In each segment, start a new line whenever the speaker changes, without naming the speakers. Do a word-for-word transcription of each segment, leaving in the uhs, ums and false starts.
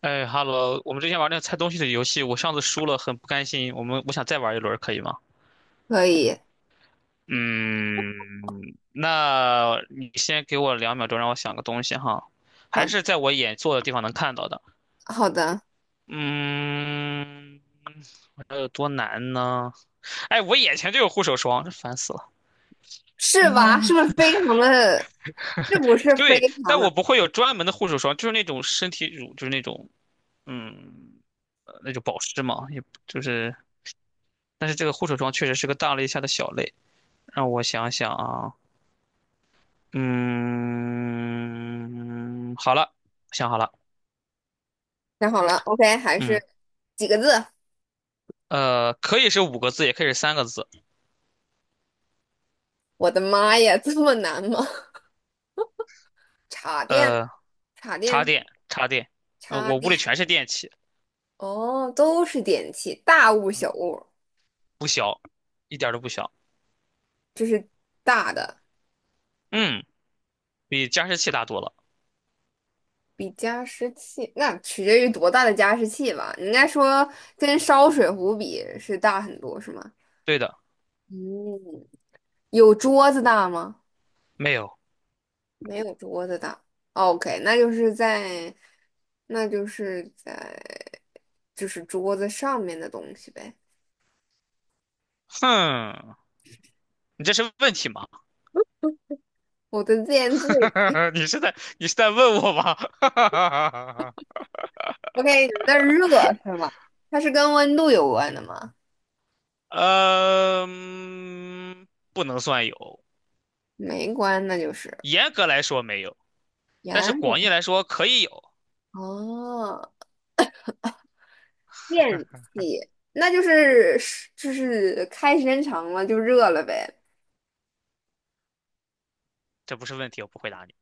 哎哈喽，我们之前玩那个猜东西的游戏，我上次输了，很不甘心。我们我想再玩一轮，可以吗？
可以，
嗯，那你先给我两秒钟，让我想个东西哈，还是
好
在我眼坐的地方能看到的。
好的，
嗯，这有多难呢？哎，我眼前就有护手霜，这烦死了。
是吧？是
嗯，
不是非常的？是不 是非
对，
常
但
的？
我不会有专门的护手霜，就是那种身体乳，就是那种嗯，呃那种保湿嘛，也就是，但是这个护手霜确实是个大类下的小类。让我想想啊，嗯，好了，想好了。
太好了，OK，还
嗯，
是几个字？
呃，可以是五个字，也可以是三个字。
我的妈呀，这么难吗？插电，
呃，
插
插
电，
电，插电。呃，
插
我屋
电，
里全是电器，
哦，都是电器，大物小物，
不小，一点儿都不小。
就是大的，
嗯，比加湿器大多了，
比加湿器，那取决于多大的加湿器吧。应该说跟烧水壶比是大很多，是吗？
对的。
嗯，有桌子大吗？
没有。
没有桌子的。OK，那就是在，那就是在，就是桌子上面的东西呗。
哼，你这是问题吗？
我的自言自语
你是在你是在问我吗？
，OK，有点热是吗？它是跟温度有关的吗？
呃，嗯不能算有，
没关，那就是
严格来说没有，但是
盐
广义
种
来说可以有。
哦，电器，那就是是就是开时间长了就热了呗。
这不是问题，我不回答你。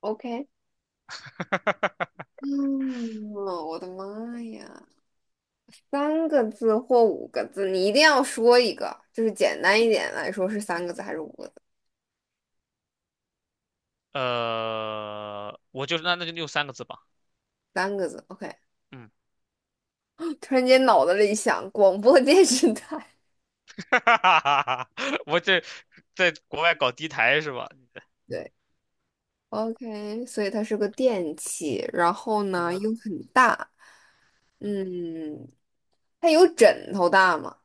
OK，嗯，我的妈呀！三个字或五个字，你一定要说一个，就是简单一点来说是三个字还是五个字？
呃，我就是那那就用三个字吧。
三个字，OK。
嗯，
突然间脑子里想，广播电视台，
我这在国外搞低台是吧？
对，OK，所以它是个电器，然后
是
呢
的。
又很大，
嗯，
嗯，它有枕头大吗？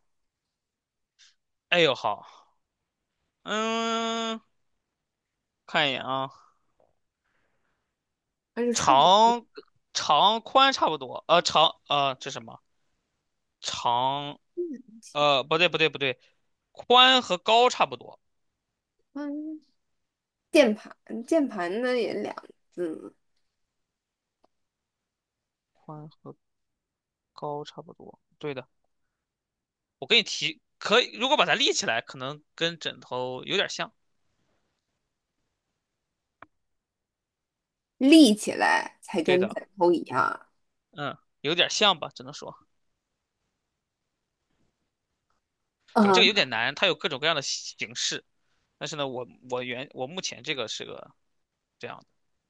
哎呦好，嗯，看一眼啊。
那就差不多。
长长宽差不多，呃长呃这什么，长呃不对不对不对，宽和高差不多，
嗯，键盘，键盘呢也两字，
宽和高差不多，对的。我给你提，可以，如果把它立起来，可能跟枕头有点像，
立起来才
对
跟
的。
枕头一样，
嗯，有点像吧，只能说。主要这
嗯，
个有点难，它有各种各样的形式。但是呢，我我原我目前这个是个这样的。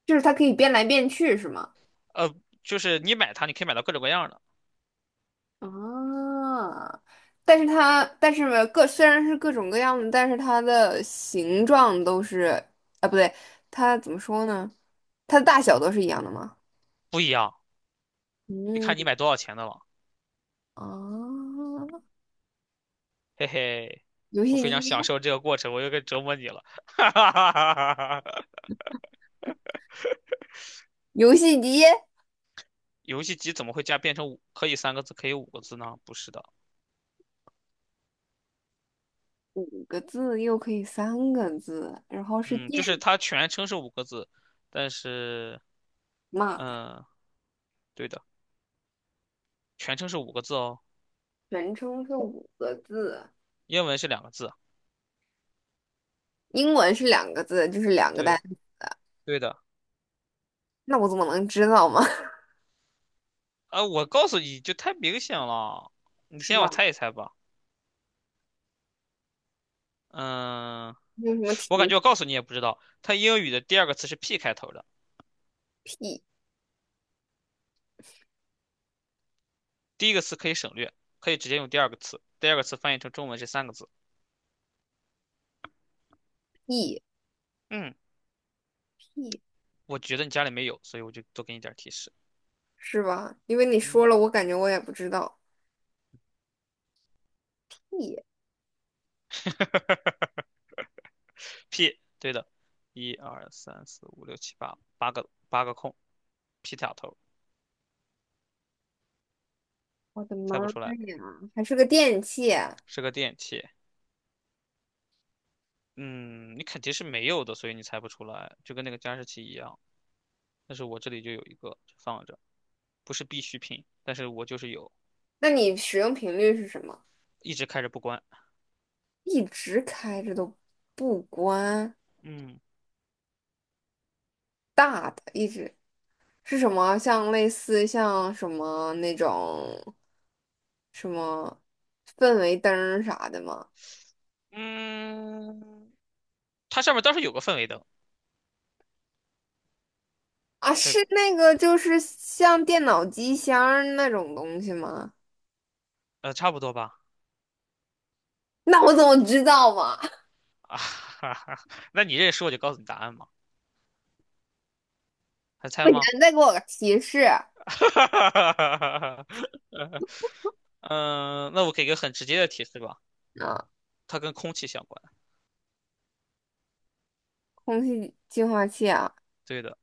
就是它可以变来变去，是吗？
呃，就是你买它，你可以买到各种各样的。
啊，但是它，但是各虽然是各种各样的，但是它的形状都是，啊，不对，它怎么说呢？它的大小都是一样的吗？
不一样，你看你
嗯，
买多少钱的了，
啊，
嘿嘿。
游
我
戏
非常享
机，
受这个过程，我又该折磨你了，哈哈哈哈哈哈！
游戏机，
游戏机怎么会加变成五可以三个字，可以五个字呢？不是的。
五个字又可以三个字，然后是
嗯，
电
就是它全称是五个字，但是，
嘛，
嗯，对的，全称是五个字哦，
全称是五个字，
英文是两个字啊，
英文是两个字，就是两个
对
单，
对的。
那我怎么能知道嘛？
呃，我告诉你就太明显了，你
是
先让我
吧？
猜一猜吧。嗯，
那有什么
我感
提
觉我告诉你也不知道，它英语的第二个词是 P 开头的，
P
第一个词可以省略，可以直接用第二个词，第二个词翻译成中文是三个字。
E
嗯，
P？
我觉得你家里没有，所以我就多给你点儿提示。
是吧？因为你
嗯
说了，我感觉我也不知道。咦，
，P,对的。一二三四五六七八，八个八个空，P 打头，
我的
猜
妈
不
呀，
出来，
还是个电器啊
是个电器。嗯，你肯定是没有的，所以你猜不出来，就跟那个加湿器一样。但是我这里就有一个放着，不是必需品，但是我就是有，
那你使用频率是什么？
一直开着不关。
一直开着都不关，
嗯
大的一直是什么？像类似像什么那种什么氛围灯儿啥的吗？
嗯，它上面倒是有个氛围灯，
啊，是
这
那个就是像电脑机箱儿那种东西吗？
呃差不多吧。
那我怎么知道嘛？
啊哈哈，那你认识我就告诉你答案嘛，还
不
猜
行，
吗？
你再给我个提示啊！
哈哈哈哈哈。嗯，那我给个很直接的提示吧，它跟空气相关。
空气净化器啊！
对的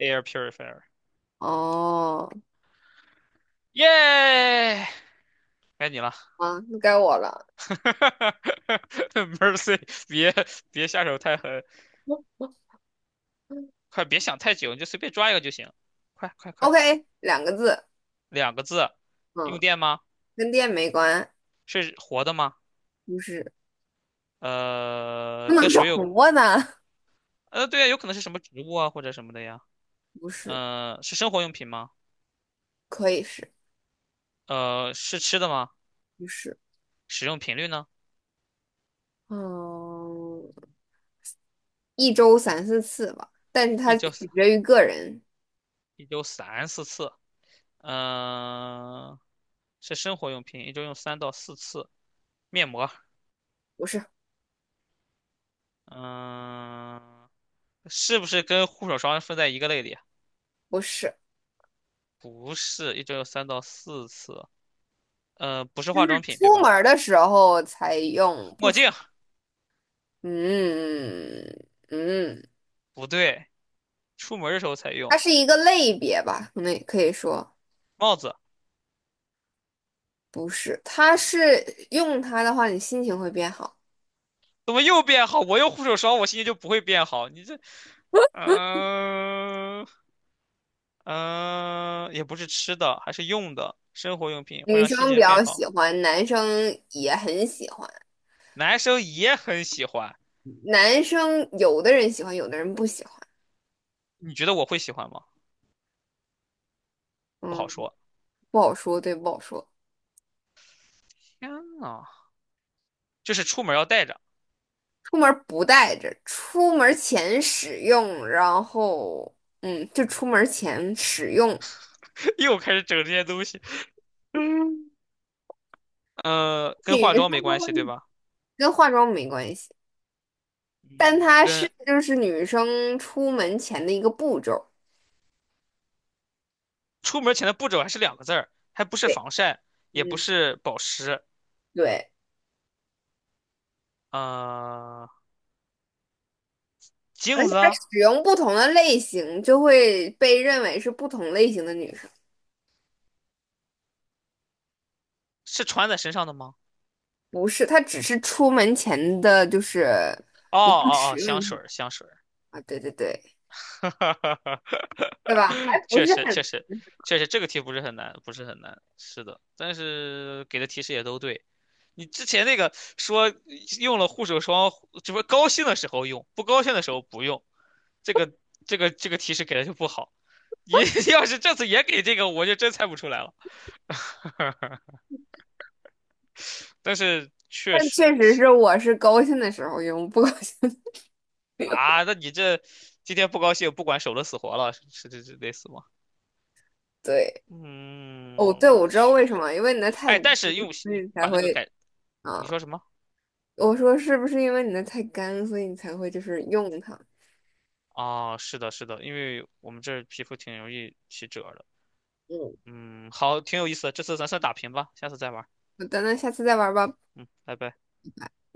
，air purifier。
哦，
耶，该你了
啊，那该我了。
，Mercy,别别下手太狠。快别想太久，你就随便抓一个就行。快快快，
OK，两个字，
两个字，用
嗯，
电吗？
跟电没关，
是活的吗？
不是，不
呃，
能
跟
是
水有，
活的，
呃，对啊，有可能是什么植物啊或者什么的呀。
不是，
呃，是生活用品吗？
可以是，
呃，是吃的吗？
不是，
使用频率呢？
嗯，一周三四次吧，但是
一
它
周
取
三
决于个人，
一周三四次。嗯、是生活用品，一周用三到四次。面膜。
不是，
嗯、是不是跟护手霜分在一个类里啊？
不是，
不是，一周有三到四次。呃，不是化妆品，对
出门
吧？
儿的时候才用，不
墨
出，
镜，
嗯嗯，
不对，出门的时候才
它
用。
是一个类别吧，那可以说
帽子，
不是，它是用它的话，你心情会变好。
怎么又变好？我用护手霜，我心情就不会变好。你这，嗯、嗯、也不是吃的，还是用的，生活用品会
女
让心
生比
情变
较喜
好。
欢，男生也很喜欢。
男生也很喜欢，
男生有的人喜欢，有的人不喜欢。
你觉得我会喜欢吗？不
嗯，
好说。
不好说，对，不好说。
天呐，就是出门要带着。
出门不带着，出门前使用，然后，嗯，就出门前使用。
又开始整这些东西。嗯，呃，跟
女
化
生
妆没
的
关
话
系，对吧？
跟化妆没关系，但
嗯，
它
跟
是就是女生出门前的一个步骤。
出门前的步骤还是两个字儿，还不是
对，
防晒，也不
嗯，
是保湿，
对，
呃，
而
镜
且
子
它
啊，
使用不同的类型，就会被认为是不同类型的女生。
是穿在身上的吗？
不是，它只是出门前的，就是
哦
你会
哦
使
哦，香水
用
儿，香水儿，
它啊，对对对，对吧？还不
确
是
实确
很，
实确实，这个题不是很难，不是很难，是的，但是给的提示也都对。你之前那个说用了护手霜，只不过高兴的时候用，不高兴的时候不用，这个这个这个提示给的就不好。你 要是这次也给这个，我就真猜不出来了。但是确
但
实
确实是我是高兴的时候用，不高兴的时候用。
啊，那你这今天不高兴，不管守了死活了，是是这这类似吗？
对，哦，对，
嗯，
我知道为
确
什
实。
么，因为你的太
哎，
干，
但是用
所以
你
你才
把那个
会
改，你
啊。
说什么？
我说是不是因为你的太干，所以你才会就是用它？
啊，是的，是的，因为我们这儿皮肤挺容易起褶儿的。
嗯，
嗯，好，挺有意思的，这次咱算打平吧，下次再玩儿。
好的，那下次再玩吧。
嗯，拜拜。